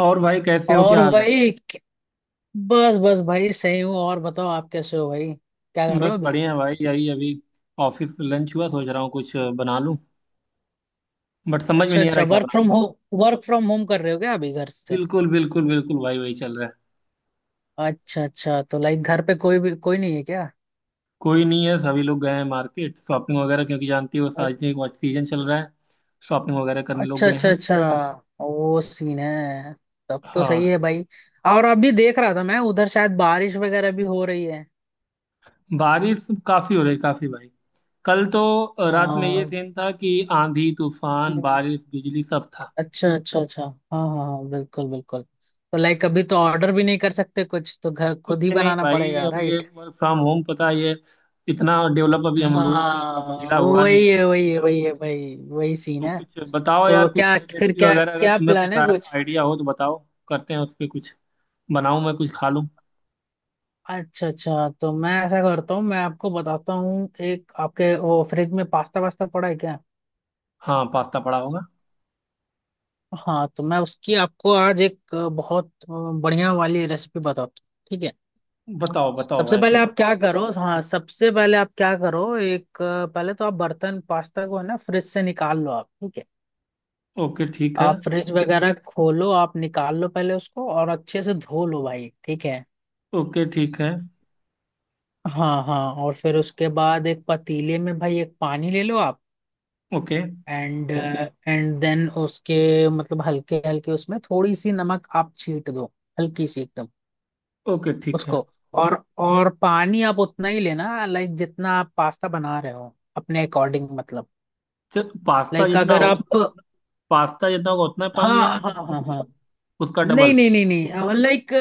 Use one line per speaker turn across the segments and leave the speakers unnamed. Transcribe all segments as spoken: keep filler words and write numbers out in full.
और भाई कैसे हो, क्या
और
हाल है?
भाई क- बस बस भाई सही हूँ। और बताओ आप कैसे हो भाई, क्या कर रहे हो
बस
अभी?
बढ़िया है भाई, यही अभी ऑफिस लंच हुआ, सोच रहा हूँ कुछ बना लूं। बट समझ में
अच्छा
नहीं आ
अच्छा,
रहा क्या
वर्क
बनाऊं।
From home work from home कर रहे हो क्या अभी घर से?
बिल्कुल बिल्कुल बिल्कुल भाई वही चल रहा है।
अच्छा अच्छा, तो लाइक घर पे कोई भी कोई नहीं है क्या?
कोई नहीं है, सभी लोग गए हैं मार्केट, शॉपिंग वगैरह, क्योंकि जानती हो
अ-
शादी का सीजन चल रहा है। शॉपिंग वगैरह करने लोग
अच्छा
गए
अच्छा
हैं।
अच्छा, वो सीन है। तब तो सही
हाँ।
है भाई। और अभी देख रहा था मैं, उधर शायद बारिश वगैरह भी हो रही है।
बारिश काफी हो रही, काफी भाई। कल तो रात में ये
हाँ,
सीन था कि आंधी, तूफान,
हम्म,
बारिश, बिजली सब था।
अच्छा अच्छा अच्छा, हाँ हाँ हाँ, बिल्कुल बिल्कुल, तो लाइक अभी तो ऑर्डर भी नहीं कर सकते, कुछ तो घर खुद
कुछ
ही
नहीं
बनाना
भाई,
पड़ेगा
अब ये
राइट।
वर्क फ्रॉम होम पता है, ये इतना डेवलप अभी हम लोगों का
हाँ,
जिला हुआ नहीं
वही
है।
है वही है वही है भाई, वही सीन
तो
है।
कुछ बताओ
तो
यार, कुछ
क्या फिर
रेसिपी
क्या
वगैरह अगर
क्या
तुम्हें
प्लान
कुछ
है कुछ?
आइडिया हो तो बताओ। करते हैं उस पे कुछ, बनाऊं मैं कुछ खा लूं।
अच्छा अच्छा, तो मैं ऐसा करता हूँ, मैं आपको बताता हूँ, एक आपके वो फ्रिज में पास्ता वास्ता पड़ा है क्या?
हाँ, पास्ता पड़ा होगा।
हाँ, तो मैं उसकी आपको आज एक अ, बहुत अ, बढ़िया वाली रेसिपी बताता हूँ। ठीक है,
बताओ बताओ
सबसे
भाई
पहले
फिर।
आप क्या करो, हाँ, सबसे पहले आप क्या करो, एक अ, पहले तो आप बर्तन पास्ता को है ना फ्रिज से निकाल लो आप, ठीक है।
ओके ठीक है।
आप फ्रिज वगैरह खोलो, आप निकाल लो पहले उसको और अच्छे से धो लो भाई, ठीक है।
ओके ठीक है।
हाँ हाँ, और फिर उसके बाद एक पतीले में भाई एक पानी ले लो आप।
ओके
एंड एंड देन उसके मतलब हल्के हल्के उसमें थोड़ी सी नमक आप छीट दो, हल्की सी एकदम
ओके ठीक है।
उसको। और और पानी आप उतना ही लेना, लाइक जितना आप पास्ता बना रहे हो अपने अकॉर्डिंग मतलब,
चल पास्ता
लाइक
जितना
अगर
होगा
आप,
उतना- पास्ता जितना होगा उतना
हाँ
पानी लेना
हाँ
है या
हाँ
फिर
हाँ,
उसका
नहीं
डबल?
नहीं नहीं नहीं, लाइक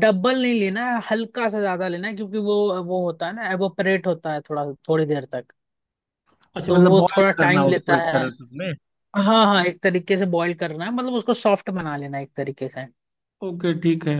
डबल नहीं लेना है, हल्का सा ज्यादा लेना है क्योंकि वो वो होता है ना, एवोपरेट होता है थोड़ा, थोड़ी देर तक।
अच्छा,
तो
मतलब
वो
बॉईल
थोड़ा
करना
टाइम
है उसको
लेता
एक
है।
तरह से उसमें।
हाँ हाँ, एक तरीके से बॉईल करना है, मतलब उसको सॉफ्ट बना लेना है एक तरीके से।
ओके ठीक है।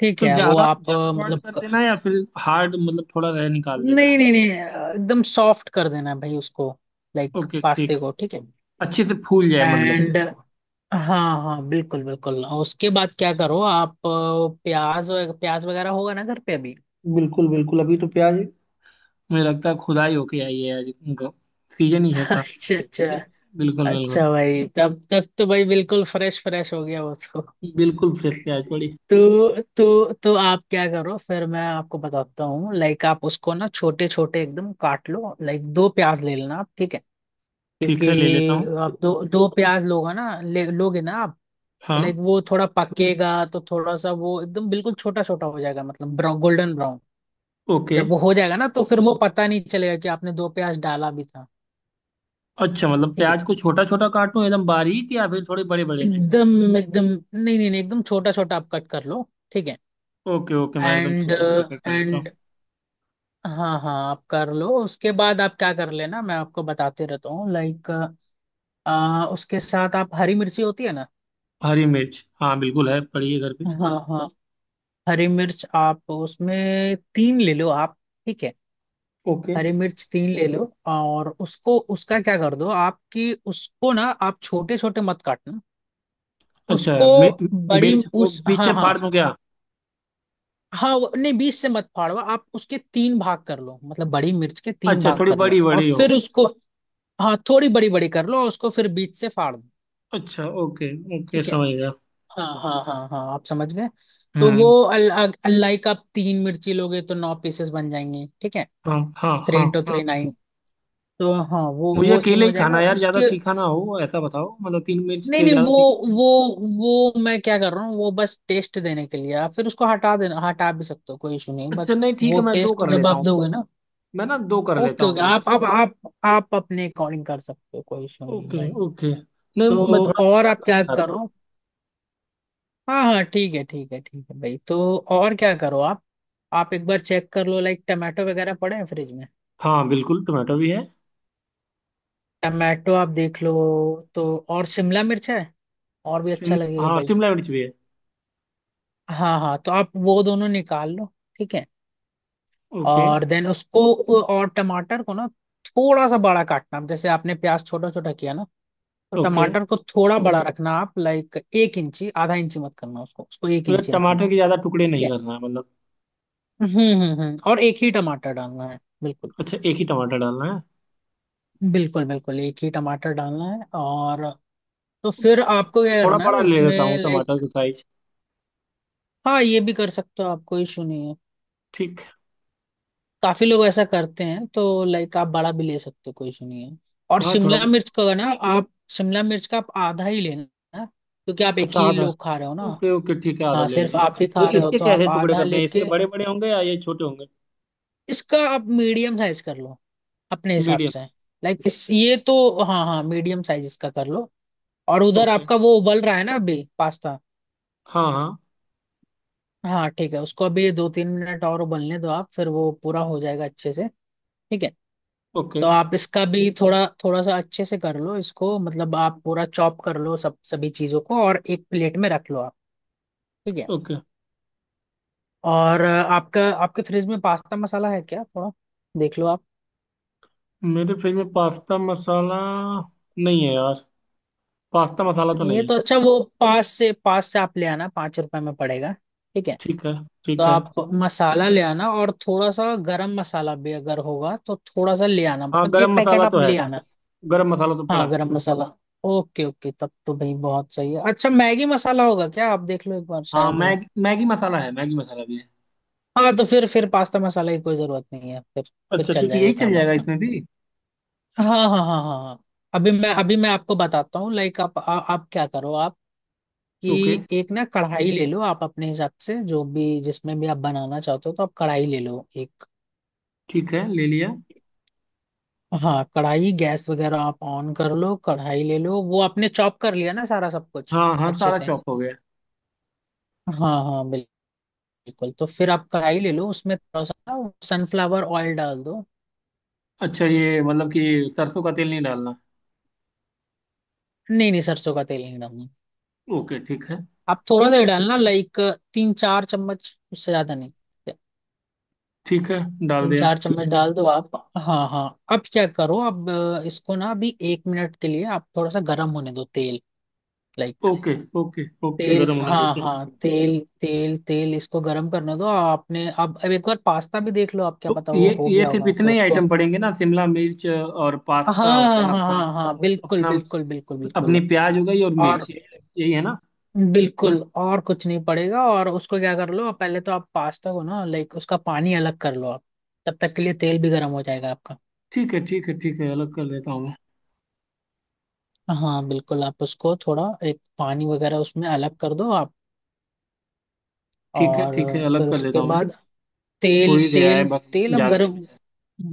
ठीक
तो
है, वो
ज्यादा
आप
ज्यादा
अ,
बॉईल
मतलब
कर
क-
देना है या फिर हार्ड मतलब थोड़ा रह निकाल देना
नहीं
है?
नहीं नहीं, अ, एकदम सॉफ्ट कर देना है भाई उसको, लाइक
ओके ठीक।
पास्ते को, ठीक है
अच्छे से फूल जाए मतलब।
एंड। हाँ हाँ, बिल्कुल बिल्कुल, उसके बाद क्या करो आप, अ, प्याज वग- प्याज वगैरह होगा ना घर पे अभी?
बिल्कुल बिल्कुल, अभी तो प्याज मुझे लगता है खुदाई होके आई है आज। उनका सीजन ही है था।
अच्छा अच्छा,
बिल्कुल बिल्कुल।
अच्छा भाई, तब तब तो भाई बिल्कुल फ्रेश फ्रेश हो गया उसको।
बिल्कुल फ्रेश प्याज पड़ी।
तो तो तो आप क्या करो फिर, मैं आपको बताता हूँ, लाइक आप उसको ना छोटे छोटे एकदम काट लो, लाइक दो प्याज ले लेना आप, ठीक है,
ठीक
क्योंकि
है ले लेता हूँ।
आप दो दो प्याज लोगे ना, ले लोगे ना आप,
हाँ।
लाइक वो थोड़ा पकेगा तो थोड़ा सा वो एकदम बिल्कुल छोटा छोटा हो जाएगा, मतलब ब्राउन, गोल्डन ब्राउन।
ओके।
जब वो हो जाएगा ना, तो फिर वो पता नहीं चलेगा कि आपने दो प्याज डाला भी था।
अच्छा, मतलब
ठीक है,
प्याज को छोटा छोटा काटूं एकदम बारीक या फिर थोड़े बड़े बड़े में?
एकदम एकदम, नहीं नहीं नहीं, एकदम छोटा छोटा आप कट कर लो, ठीक है।
ओके ओके, मैं एकदम
एंड
छोटे छोटे कट कर लेता हूँ।
एंड हाँ हाँ, आप कर लो, उसके बाद आप क्या कर लेना मैं आपको बताते रहता हूँ, लाइक आ, उसके साथ आप, हरी मिर्ची होती है ना,
हरी मिर्च हाँ, बिल्कुल है, पड़ी है घर पे।
हाँ हाँ, हरी मिर्च आप उसमें तीन ले लो आप, ठीक है,
ओके।
हरी मिर्च तीन ले लो, और उसको उसका क्या कर दो आपकी उसको ना, आप छोटे छोटे मत काटना
अच्छा
उसको,
मि,
बड़ी,
मिर्च को
उस
बीच से
हाँ हाँ
फाड़ दूं क्या?
हाँ, वो- नहीं, बीच से मत फाड़ो आप, उसके तीन भाग कर लो, मतलब बड़ी मिर्च के तीन
अच्छा,
भाग
थोड़ी
कर
बड़ी
लो और
बड़ी हो।
फिर उसको, हाँ थोड़ी बड़ी बड़ी कर लो उसको फिर बीच से फाड़ दो,
अच्छा ओके। ओके
ठीक है,
समझ गया।
हाँ हाँ हाँ हाँ, आप समझ गए। तो वो
हम्म।
अल, अ- अलाई का आप तीन मिर्ची लोगे तो नौ पीसेस बन जाएंगे, ठीक है।
हाँ हाँ
थ्री
हाँ
इंटू थ्री
हाँ।
नाइन, तो हाँ वो
मुझे
वो सीन
अकेले
हो
ही खाना
जाएगा
है यार, ज्यादा
उसके।
तीखा ना हो, ऐसा बताओ। मतलब तीन मिर्च
नहीं
से
नहीं,
ज्यादा
वो
तीखा?
वो वो मैं क्या कर रहा हूँ, वो बस टेस्ट देने के लिए, आप फिर उसको हटा देना, हटा भी सकते हो, कोई इशू नहीं बट,
अच्छा नहीं, ठीक
वो
है मैं दो
टेस्ट
कर
जब
लेता
आप
हूँ।
दोगे ना,
मैं ना दो कर लेता
ओके
हूँ
ओके,
मिर्च।
आप आप आप आप अपने अकॉर्डिंग कर सकते हो, कोई इशू नहीं
ओके
भाई।
ओके। नहीं, मैं
तो
थोड़ा
और
तीखा
आप
कम ही
क्या
खाता हूँ।
करो, हाँ हाँ, ठीक है ठीक है ठीक है भाई, तो और क्या करो आप आप एक बार चेक कर लो लाइक टमाटो वगैरह पड़े हैं फ्रिज में,
हाँ, बिल्कुल टमाटो भी है।
टमाटो आप देख लो, तो और शिमला मिर्च है और भी
शिम
अच्छा लगेगा
हाँ
भाई।
शिमला मिर्च भी है।
हाँ हाँ, तो आप वो दोनों निकाल लो, ठीक है,
ओके।
और देन उसको, और टमाटर को ना थोड़ा सा बड़ा काटना आप, जैसे आपने प्याज छोटा छोटा किया ना, तो
ओके,
टमाटर को थोड़ा बड़ा रखना आप, लाइक एक इंची आधा इंची मत करना उसको उसको एक
मतलब
इंची रखना,
टमाटर के ज्यादा टुकड़े
ठीक
नहीं
है,
करना है मतलब?
हम्म हम्म हम्म, और एक ही टमाटर डालना है बिल्कुल
अच्छा, एक ही टमाटर डालना है?
बिल्कुल बिल्कुल, एक ही टमाटर डालना है और, तो फिर आपको
तो
क्या
थोड़ा
करना
बड़ा
है
ले
इसमें
लेता हूँ टमाटर
लाइक,
का साइज।
हाँ ये भी कर सकते हो आप, कोई इशू नहीं है,
ठीक।
काफी लोग ऐसा करते हैं, तो लाइक आप बड़ा भी ले सकते हो, कोई इशू नहीं है। और
हाँ थोड़ा।
शिमला मिर्च का ना आप, शिमला मिर्च का आप आधा ही लेना है, क्योंकि आप एक
अच्छा
ही
आधा।
लोग खा रहे हो ना,
ओके ओके ठीक है, आधा
हाँ
ले
सिर्फ
लेता हूँ।
आप ही खा
तो
रहे हो
इसके
तो आप
कैसे टुकड़े
आधा
करने हैं, इसके
लेके,
बड़े बड़े होंगे या ये छोटे होंगे?
इसका आप मीडियम साइज कर लो अपने हिसाब
मीडियम।
से, लाइक इस ये तो, हाँ हाँ, मीडियम साइज इसका कर लो। और उधर
ओके।
आपका वो उबल रहा है ना अभी पास्ता,
हाँ हाँ।
हाँ ठीक है, उसको अभी दो तीन मिनट और उबलने दो आप, फिर वो पूरा हो जाएगा अच्छे से, ठीक है।
ओके
तो आप इसका भी थोड़ा थोड़ा सा अच्छे से कर लो इसको, मतलब आप पूरा चॉप कर लो सब सभी चीजों को और एक प्लेट में रख लो आप, ठीक है।
ओके।
और अ, आपका आपके फ्रिज में पास्ता मसाला है क्या थोड़ा, देख लो आप।
मेरे फ्रिज में पास्ता मसाला नहीं है यार। पास्ता मसाला तो
नहीं है
नहीं है।
तो अच्छा वो पास से पास से आप ले आना, पाँच रुपए में पड़ेगा, ठीक है।
ठीक है।
तो
ठीक है।
आप मसाला ले आना और थोड़ा सा गरम मसाला भी अगर होगा तो थोड़ा सा ले आना,
हाँ
मतलब
गरम
एक पैकेट
मसाला
आप
तो है।
ले आना।
गरम मसाला तो पड़ा
हाँ
है।
गरम मसाला, ओके ओके, तब तो भाई बहुत सही है, अच्छा मैगी मसाला होगा क्या आप देख लो एक बार
हाँ
शायद हो।
मैगी, मैगी मसाला है। मैगी मसाला भी है।
हाँ, तो फिर फिर पास्ता मसाला की कोई जरूरत नहीं है फिर फिर
अच्छा
चल
ठीक है, यही
जाएगा
चल
काम
जाएगा
आपका,
इसमें भी।
हाँ हाँ हाँ हाँ हाँ। अभी मैं अभी मैं आपको बताता हूँ, लाइक आप आ, आप क्या करो, आप
ओके
कि एक ना कढ़ाई ले लो आप अपने हिसाब से जो भी जिसमें भी आप बनाना चाहते हो, तो आप कढ़ाई ले लो एक,
ठीक है, ले लिया।
हाँ कढ़ाई गैस वगैरह आप ऑन कर लो, कढ़ाई ले लो, वो आपने चॉप कर लिया ना सारा सब कुछ
हाँ हाँ,
अच्छे
सारा
से,
चॉप हो गया।
हाँ हाँ बिल्कुल बिल्कुल, तो फिर आप कढ़ाई ले लो उसमें थोड़ा सा सनफ्लावर ऑयल डाल दो।
अच्छा, ये मतलब कि सरसों का तेल नहीं डालना?
नहीं नहीं सरसों का तेल नहीं डालना,
ओके ठीक है।
आप थोड़ा सा ही डालना, लाइक तीन चार चम्मच, उससे ज्यादा नहीं,
ठीक है, डाल
तीन
दिया।
चार चम्मच डाल दो आप, हाँ हाँ। अब क्या करो, अब अ, इसको ना अभी एक मिनट के लिए आप थोड़ा सा गर्म होने दो तेल, लाइक
ओके ओके ओके,
तेल,
गरम होने
हाँ
देते हैं।
हाँ, तेल तेल तेल इसको गर्म करने दो आपने, अब अब एक बार पास्ता भी देख लो आप, क्या
तो
पता
ये
वो हो
ये
गया
सिर्फ
होगा तो
इतने ही
उसको,
आइटम पड़ेंगे ना, शिमला मिर्च और
हाँ
पास्ता हो
हाँ
गया
हाँ
अपना,
हाँ हाँ, बिल्कुल
अपना,
बिल्कुल बिल्कुल बिल्कुल,
अपनी प्याज हो गई और
और
मिर्च ये- यही है ना?
बिल्कुल, और कुछ नहीं पड़ेगा, और उसको क्या कर लो पहले, तो आप पास्ता को ना लाइक उसका पानी अलग कर लो आप, तब तक के लिए तेल भी गर्म हो जाएगा आपका,
ठीक है ठीक है ठीक है, अलग कर देता हूँ मैं।
हाँ बिल्कुल, आप उसको थोड़ा एक पानी वगैरह उसमें अलग कर दो आप
ठीक है
और
ठीक है, अलग
फिर
कर देता
उसके
हूँ मैं।
बाद
हो
तेल
ही गया है
तेल,
बस,
तेल अब
ज्यादा नहीं
गर्म,
बचा है।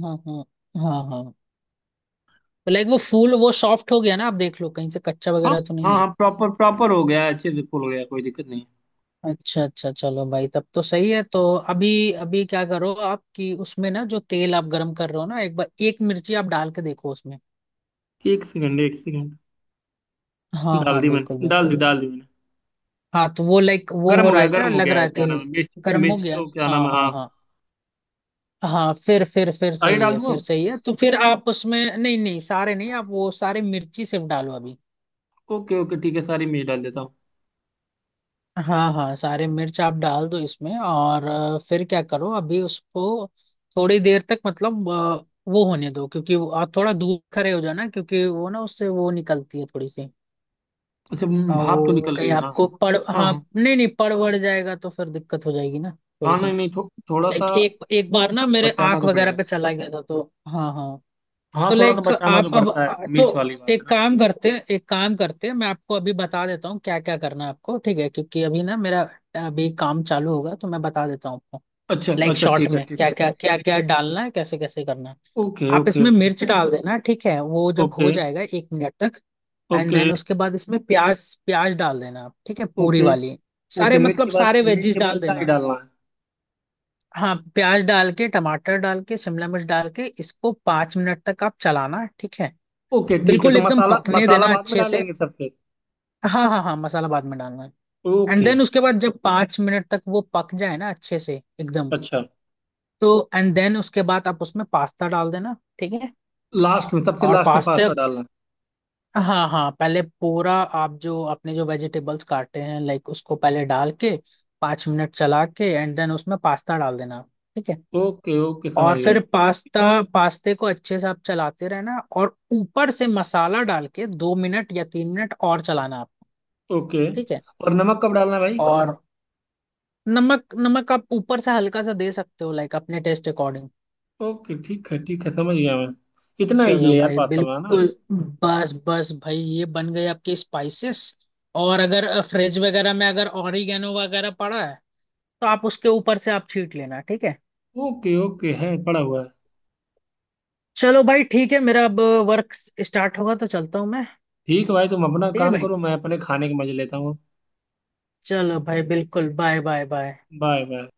हाँ हाँ हाँ हाँ, लाइक वो फूल वो सॉफ्ट हो गया ना, आप देख लो कहीं से कच्चा
हाँ
वगैरह तो
हाँ।
नहीं है,
हाँ, प्रॉपर प्रॉपर हो गया है, अच्छे से फुल हो गया, कोई दिक्कत नहीं।
अच्छा अच्छा चलो भाई तब तो सही है, तो अभी अभी क्या करो आप, कि उसमें ना जो तेल आप गरम कर रहे हो ना, एक बार एक मिर्ची आप डाल के देखो उसमें,
है, एक सेकंड एक सेकंड।
हाँ
डाल
हाँ
दी
बिल्कुल
मैंने, डाल दी
बिल्कुल।
डाल दी मैंने।
हाँ, तो वो लाइक वो
गर्म
हो
हो
रहा
गया,
है क्या,
गर्म हो
लग
गया
रहा
है।
है
क्या नाम
तेल
है, मिर्च,
गर्म हो
मिर्च
गया है,
तो, क्या नाम
हाँ
है, हाँ।
हाँ हाँ हाँ, फिर फिर फिर
सारी
सही
डाल
है,
दूँ
फिर
अब।
सही है, तो फिर आप उसमें नहीं नहीं सारे नहीं, आप वो सारे मिर्ची सिर्फ डालो अभी,
ओके ओके ठीक है, सारी मिर्च डाल देता हूँ।
हाँ हाँ, सारे मिर्च आप डाल दो इसमें, और अ, फिर क्या करो अभी उसको थोड़ी देर तक, मतलब अ, वो होने दो क्योंकि वो- आप थोड़ा दूर खड़े हो जाओ ना क्योंकि वो ना उससे वो निकलती है थोड़ी सी,
अच्छा,
अ,
भाप तो
वो
निकल रही
कहीं
है हाँ।
आपको पड़
हाँ
हाँ
हाँ।
नहीं नहीं, पड़ वड़ जाएगा तो फिर दिक्कत हो जाएगी ना,
हाँ
थोड़ी सी,
नहीं नहीं थो, थोड़ा सा
लाइक एक एक बार ना मेरे
बचाना
आंख
तो
वगैरह
पड़ेगा।
पे चला गया था तो, हाँ हाँ।
हाँ,
तो
थोड़ा सा
लाइक
बचाना तो
आप अब
पड़ता है,
तो,
मिर्च वाली बात है
एक
ना।
काम करते हैं एक काम करते हैं, मैं आपको अभी बता देता हूँ क्या क्या करना है आपको, ठीक है, क्योंकि अभी ना मेरा अभी काम चालू होगा तो मैं बता देता हूँ आपको,
अच्छा
लाइक
अच्छा
शॉर्ट
ठीक है
में
ठीक
क्या
है।
क्या क्या क्या डालना है, कैसे कैसे करना है,
ओके
आप
ओके
इसमें
ओके।
मिर्च डाल देना, ठीक है, वो जब
ओके।
हो जाएगा एक मिनट तक, एंड
ओके
देन उसके बाद इसमें प्याज प्याज डाल देना आप, ठीक है, पूरी
ओके
वाली, सारे
ओके। मिर्च
मतलब
के बाद,
सारे
मिर्च
वेजीज
के बाद
डाल
क्या ही
देना,
डालना है?
हाँ प्याज डाल के, टमाटर डाल के, शिमला मिर्च डाल के, इसको पाँच मिनट तक आप चलाना, ठीक है,
ओके ठीक है,
बिल्कुल
तो
एकदम
मसाला,
पकने
मसाला
देना
बाद में
अच्छे से,
डालेंगे सबसे?
हाँ हाँ हाँ, मसाला बाद में डालना है, एंड
ओके।
देन उसके बाद जब पाँच मिनट तक वो पक जाए ना अच्छे से एकदम,
अच्छा,
तो एंड देन उसके बाद आप उसमें पास्ता डाल देना, ठीक है,
लास्ट में, सबसे
और
लास्ट में
पास्ता,
पास्ता डालना
हाँ हाँ, पहले पूरा आप जो अपने जो वेजिटेबल्स काटे हैं लाइक उसको पहले डाल के पाँच मिनट चला के, एंड देन उसमें पास्ता डाल देना, ठीक है,
है। ओके ओके समझ
और
गया।
फिर पास्ता, पास्ते को अच्छे से आप चलाते रहना और ऊपर से मसाला डाल के दो मिनट या तीन मिनट और चलाना आपको,
ओके।
ठीक है,
और नमक कब डालना है भाई?
और नमक, नमक आप ऊपर से हल्का सा दे सकते हो लाइक अपने टेस्ट अकॉर्डिंग,
ओके ठीक है ठीक है, समझ गया मैं। इतना ईजी
चलो
है यार
भाई
पास्ता बनाना।
बिल्कुल, बस बस भाई ये बन गए आपके स्पाइसेस, और अगर फ्रिज वगैरह में अगर ऑरिगेनो वगैरह पड़ा है तो आप उसके ऊपर से आप छीट लेना, ठीक है।
ओके ओके, है पड़ा हुआ है।
चलो भाई ठीक है, मेरा अब वर्क स्टार्ट होगा तो चलता हूँ मैं,
ठीक है भाई, तुम अपना
ठीक है
काम
भाई,
करो, मैं अपने खाने के मजे लेता हूँ।
चलो भाई बिल्कुल, bye bye bye.
Bye bye.